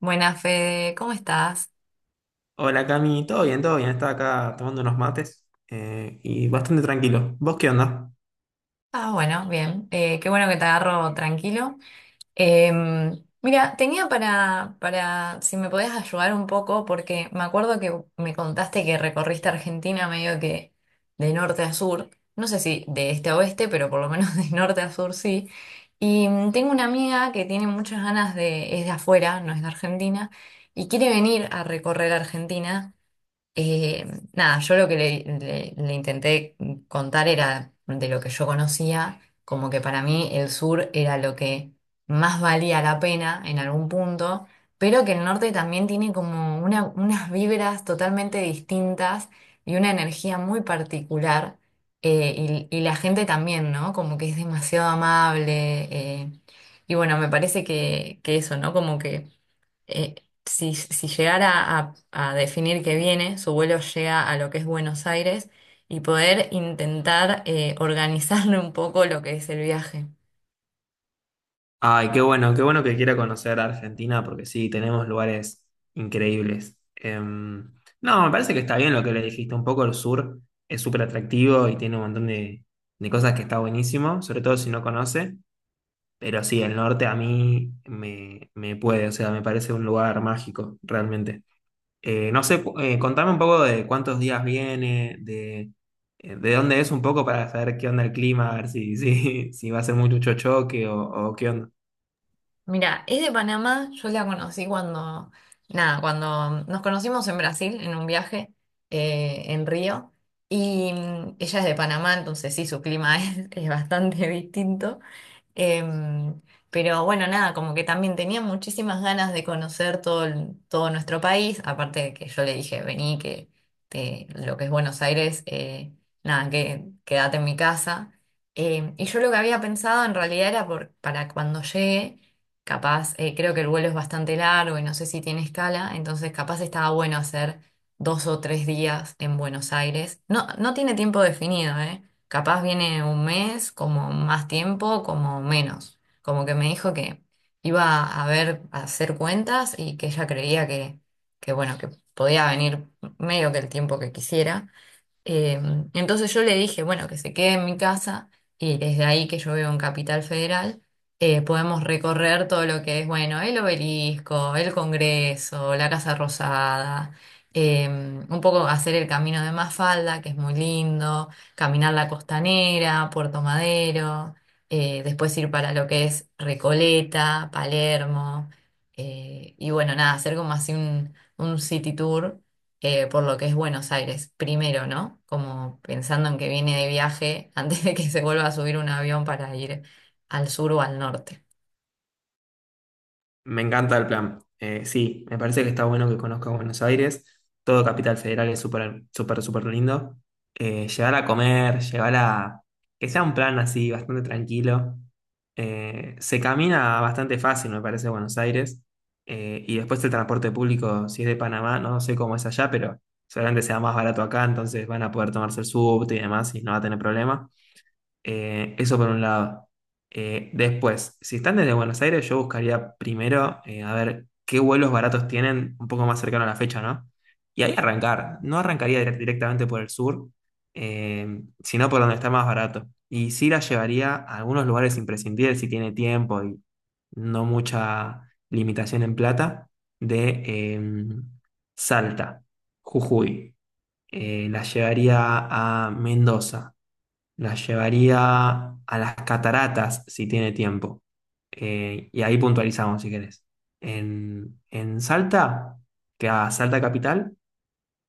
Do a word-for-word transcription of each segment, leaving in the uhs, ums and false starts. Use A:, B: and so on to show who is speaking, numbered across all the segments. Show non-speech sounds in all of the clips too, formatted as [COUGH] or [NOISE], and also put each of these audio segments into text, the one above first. A: Buenas, Fede, ¿cómo estás?
B: Hola Cami, todo bien, todo bien. Estaba acá tomando unos mates eh, y bastante tranquilo. ¿Vos qué onda?
A: Ah, bueno, bien. Eh, qué bueno que te agarro tranquilo. Em, mira, tenía para, para, si me podías ayudar un poco, porque me acuerdo que me contaste que recorriste Argentina medio que de norte a sur. No sé si de este a oeste, pero por lo menos [LAUGHS] de norte a sur sí. Y mm, tengo una amiga que tiene muchas ganas de, es de afuera, no es de Argentina, y quiere venir a recorrer Argentina. Eh, nada, yo lo que le, le- le intenté contar era de lo que yo conocía, como que para mí el sur era lo que más valía la pena en algún punto, pero que el norte también tiene como una- unas vibras totalmente distintas y una energía muy particular, eh, y, y la gente también, ¿no? Como que es demasiado amable, eh, y bueno, me parece que, que eso, ¿no? Como que eh, si, si llegara a, a definir que viene, su vuelo llega a lo que es Buenos Aires y poder intentar eh, [LAUGHS] organizarle un poco lo que es el viaje.
B: Ay, qué bueno, qué bueno que quiera conocer a Argentina porque sí, tenemos lugares increíbles. Em, no, me parece que está bien lo que le dijiste. Un poco el sur es súper atractivo y tiene un montón de, de cosas que está buenísimo, sobre todo si no conoce. Pero sí, el norte a mí me, me puede, o sea, me parece un lugar mágico, realmente. Eh, no sé, cu- eh, contame un poco de cuántos días viene, de, eh, de dónde es un poco para saber qué onda el clima, a ver si, si, [LAUGHS] si va a ser mucho choque o, o qué onda.
A: Mira, es de Panamá, yo la conocí cuando, nada, cuando nos conocimos en Brasil en un viaje eh, en Río y mm, ella es de Panamá, entonces sí, su clima [LAUGHS] es, es bastante distinto. Em, pero bueno, nada, como que también tenía muchísimas ganas de conocer todo, el- todo nuestro país, aparte de que yo le dije, vení, que te- lo que es Buenos Aires, eh, nada, que quédate en mi casa. Em, y yo lo que había pensado en realidad era por, para cuando llegue, capaz, eh, creo que el vuelo es bastante largo y no sé si tiene escala, entonces capaz estaba bueno hacer dos o tres días en Buenos Aires. No, no tiene tiempo definido, ¿eh? Capaz viene un mes, como más tiempo, como menos. Como que me dijo que iba a ver, a hacer cuentas y que ella creía que, que bueno, que podía venir medio que el tiempo que quisiera. Eh, entonces yo le dije, bueno, que se quede en mi casa y desde ahí que yo vivo en Capital Federal, eh, podemos recorrer todo lo que es, bueno, el obelisco, el Congreso, la Casa Rosada, eh, un poco hacer el camino de Mafalda, que es muy lindo, caminar la Costanera, Puerto Madero, eh, después ir para lo que es Recoleta, Palermo, eh, y bueno, nada, hacer como así un, un city tour eh, por lo que es Buenos Aires, primero, ¿no? Como pensando en que viene de viaje [LAUGHS] antes de que se vuelva a subir un avión para ir al sur o al norte.
B: Me encanta el plan. Eh, sí, me parece que está bueno que conozca Buenos Aires. Todo Capital Federal es súper, súper, súper lindo. Eh, llegar a comer, llegar a... Que sea un plan así, bastante tranquilo. Eh, se camina bastante fácil, me parece, Buenos Aires. Eh, y después el transporte público, si es de Panamá, no sé cómo es allá, pero seguramente sea más barato acá, entonces van a poder tomarse el subte y demás y no va a tener problema. Eh, eso por un lado. Eh, después, si están desde Buenos Aires, yo buscaría primero eh, a ver qué vuelos baratos tienen un poco más cercano a la fecha, ¿no? Y ahí arrancar. No arrancaría dire- directamente por el sur, eh, sino por donde está más barato. Y sí la llevaría a algunos lugares imprescindibles si tiene tiempo y no mucha limitación en plata, de em, Salta, Jujuy. Eh, la llevaría a Mendoza, la llevaría a las cataratas si tiene tiempo. Eh, y ahí puntualizamos si querés. En, en Salta, que a Salta Capital.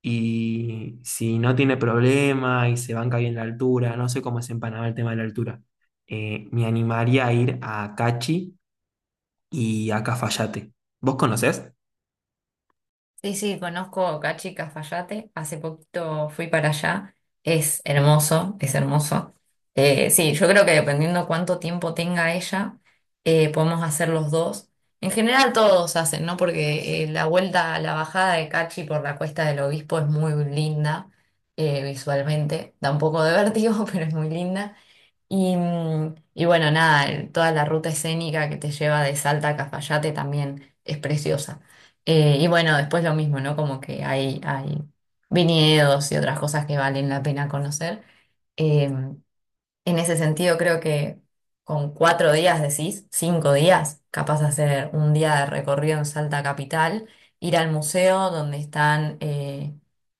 B: Y si no tiene problema y se banca bien la altura, no sé cómo es en Panamá el tema de la altura, eh, me animaría a ir a Cachi y a Cafayate. ¿Vos conocés?
A: Sí, sí, conozco Cachi Cafayate. Hace poquito fui para allá. Es hermoso, es hermoso. Eh, sí, yo creo que dependiendo cuánto tiempo tenga ella, eh, podemos hacer los dos. En general todos hacen, ¿no? Porque eh, la vuelta, la bajada de Cachi por la Cuesta del Obispo es muy linda eh, visualmente. Da un poco de vértigo, [LAUGHS] pero es muy linda. Y, mm, y bueno, nada, el- toda la ruta escénica que te lleva de Salta a Cafayate también es preciosa. Eh, y bueno, después lo mismo, ¿no? Como que hay, hay viñedos y otras cosas que valen la pena conocer. Eh, en ese sentido, creo que con cuatro días, decís, cinco días, capaz de hacer un día de recorrido en Salta Capital, ir al museo donde están eh,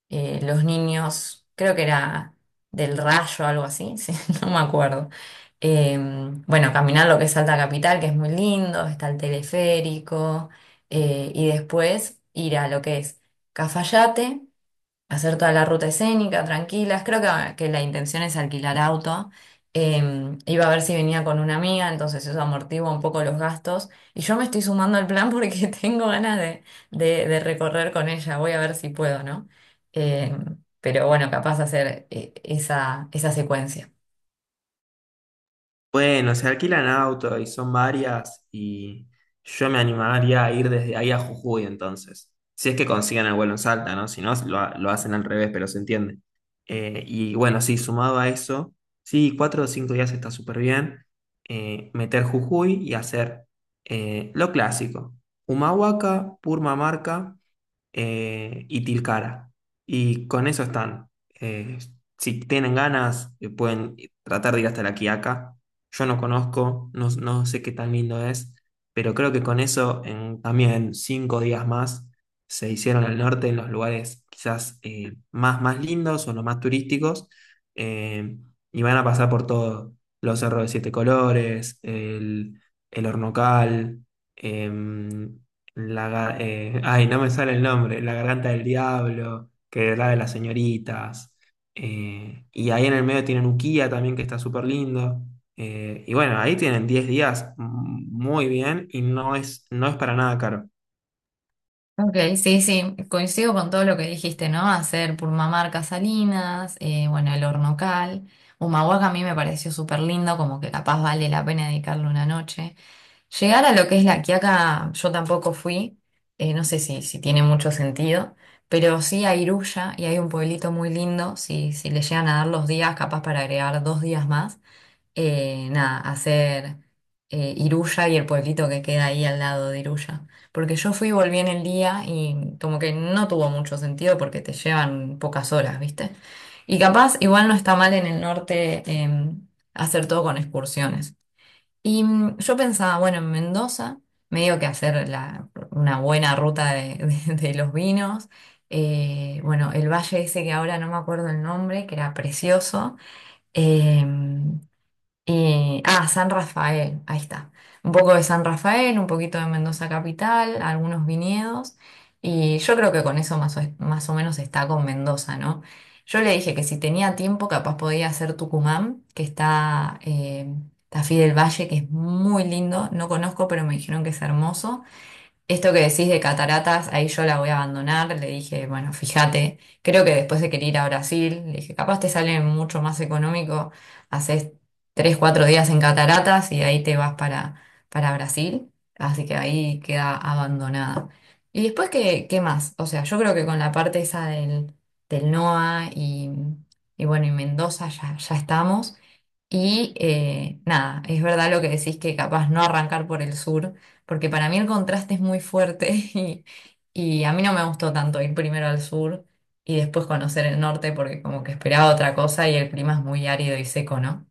A: eh, los niños, creo que era del Rayo o algo así, [LAUGHS] sí, no me acuerdo. Eh, bueno, caminar lo que es Salta Capital, que es muy lindo, está el teleférico, eh, y después ir a lo que es Cafayate hacer toda la ruta escénica, tranquilas. Creo que, que la intención es alquilar auto. Eh, iba a ver si venía con una amiga, entonces eso amortigua un poco los gastos. Y yo me estoy sumando al plan porque [LAUGHS] tengo ganas de, de- de recorrer con ella. Voy a ver si puedo, ¿no? Eh, pero bueno, capaz hacer eh, esa, esa secuencia.
B: Bueno, se alquilan auto y son varias y yo me animaría a ir desde ahí a Jujuy entonces. Si es que consiguen el vuelo en Salta, ¿no? Si no, lo, ha- lo hacen al revés, pero se entiende. Eh, y bueno, sí, sumado a eso, sí, cuatro o cinco días está súper bien. Eh, meter Jujuy y hacer eh, lo clásico. Humahuaca, Purmamarca, eh, y Tilcara. Y con eso están. Eh, si tienen ganas, eh, pueden tratar de ir hasta La Quiaca. Yo no conozco, no, no sé qué tan lindo es, pero creo que con eso, en también cinco días más, se hicieron al norte en los lugares quizás eh, más, más lindos o los más turísticos. eh, y van a pasar por todo, los cerros de siete colores, el, el Hornocal, em, la, ga- eh, ay, no me sale el nombre, La Garganta del Diablo, que era de las señoritas. Eh, y ahí en el medio tienen Ukiah también, que está súper lindo. Eh, y bueno, ahí tienen diez días mm, muy bien y no es, no es para nada caro.
A: Ok, sí, sí, coincido con todo lo que dijiste, ¿no? Hacer Purmamarca Salinas, eh, bueno, el Hornocal, Humahuaca a mí me pareció súper lindo, como que capaz vale la pena dedicarle una noche. Llegar a lo que es la Quiaca, yo tampoco fui, eh, no sé si, si tiene mucho sentido, pero sí a Iruya y hay un pueblito muy lindo, si, si le llegan a dar los días, capaz para agregar dos días más, eh, nada, hacer eh, Iruya y el pueblito que queda ahí al lado de Iruya. Porque yo fui y volví en el día y como que no tuvo mucho sentido porque te llevan pocas horas, ¿viste? Y capaz igual no está mal en el norte em, hacer todo con excursiones. Y mm, yo pensaba, bueno, en Mendoza, medio que hacer la- una buena ruta de, [LAUGHS] de- de los vinos. Eh, bueno, el valle ese que ahora no me acuerdo el nombre, que era precioso. em, eh, ah, San Rafael, ahí está. Un poco de San Rafael, un poquito de Mendoza Capital, algunos viñedos. Y yo creo que con eso más o, más o menos está con Mendoza, ¿no? Yo le dije que si tenía tiempo, capaz podía hacer Tucumán, que está eh, Tafí del Valle, que es muy lindo. No conozco, pero me dijeron que es hermoso. Esto que decís de cataratas, ahí yo la voy a abandonar. Le dije, bueno, fíjate, creo que después de querer ir a Brasil, le dije, capaz te sale mucho más económico, haces tres, cuatro días en cataratas y de ahí te vas para, para Brasil. Así que ahí queda abandonada. Y después, ¿qué, qué más? O sea, yo creo que con la parte esa del, del NOA y, y bueno, y Mendoza ya, ya estamos. Y eh, nada, es verdad lo que decís que capaz no arrancar por el sur porque para mí el contraste es muy fuerte [LAUGHS] y, y a mí no me gustó tanto ir primero al sur y después conocer el norte porque como que esperaba otra cosa y el clima es muy árido y seco, ¿no?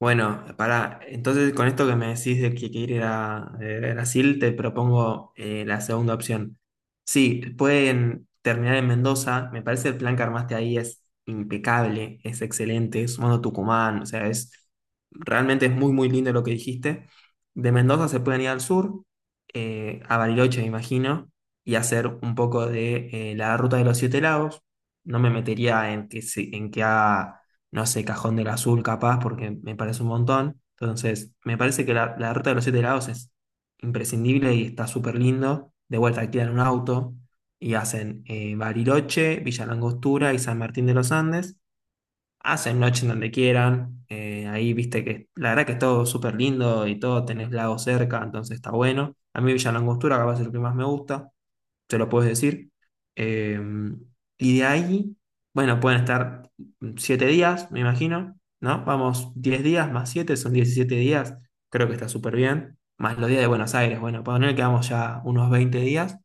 B: Bueno, para entonces con esto que me decís de que quiere ir a eh, Brasil, te propongo eh, la segunda opción. Sí, pueden terminar en Mendoza, me parece el plan que armaste ahí es impecable, es excelente, sumando Tucumán, o sea, es realmente es muy muy lindo lo que dijiste. De Mendoza se pueden ir al sur, eh, a Bariloche me imagino, y hacer un poco de eh, la ruta de los Siete Lagos. No me metería en que, se- en que haga no sé, Cajón del Azul capaz, porque me parece un montón. Entonces, me parece que la, la ruta de los siete lados es imprescindible y está súper lindo. De vuelta, alquilan un auto y hacen eh, Bariloche, Villa Langostura y San Martín de los Andes. Hacen noche en donde quieran. Eh, ahí viste que la verdad que es todo súper lindo y todo, tenés lago cerca, entonces está bueno. A mí Villa Langostura capaz es lo que más me gusta, te lo puedes decir. Eh, y de ahí, bueno, pueden estar siete días, me imagino, ¿no? Vamos, diez días más siete son diecisiete días, creo que está súper bien, más los días de Buenos Aires, bueno, poner que vamos ya unos veinte días,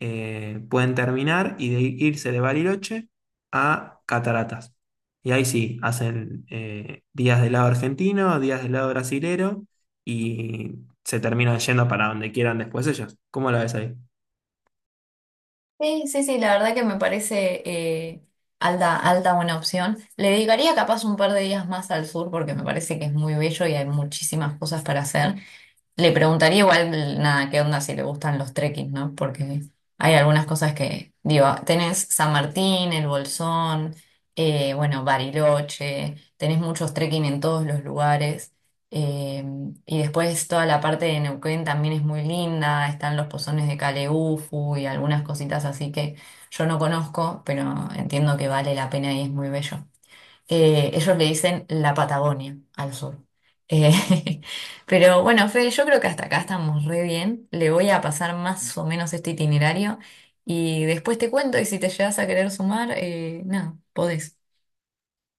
B: eh, pueden terminar y de irse de Bariloche a Cataratas. Y ahí sí, hacen eh, días del lado argentino, días del lado brasilero y se terminan yendo para donde quieran después ellos. ¿Cómo lo ves ahí?
A: Sí, sí, sí, la verdad que me parece eh, alta, alta buena opción. Le dedicaría capaz un par de días más al sur porque me parece que es muy bello y hay muchísimas cosas para hacer. Le preguntaría igual, nada, qué onda si le gustan los trekking, ¿no? Porque hay algunas cosas que, digo, tenés San Martín, El Bolsón, eh, bueno, Bariloche, tenés muchos trekking en todos los lugares. eh, y después toda la parte de Neuquén también es muy linda, están los pozones de Caleufu y algunas cositas así que yo no conozco, pero entiendo que vale la pena y es muy bello. Eh, ellos le dicen la Patagonia al sur. Eh, [LAUGHS] pero bueno, Fede, yo creo que hasta acá estamos re bien. Le voy a pasar más o menos este itinerario y después te cuento y si te llegas a querer sumar, eh, nada, podés.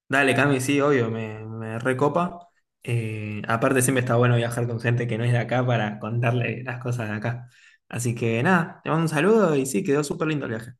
B: Dale, Cami, sí, obvio, me, me recopa. Eh, aparte, siempre está bueno viajar con gente que no es de acá para contarle las cosas de acá. Así que nada, te mando un saludo y sí, quedó súper lindo el viaje.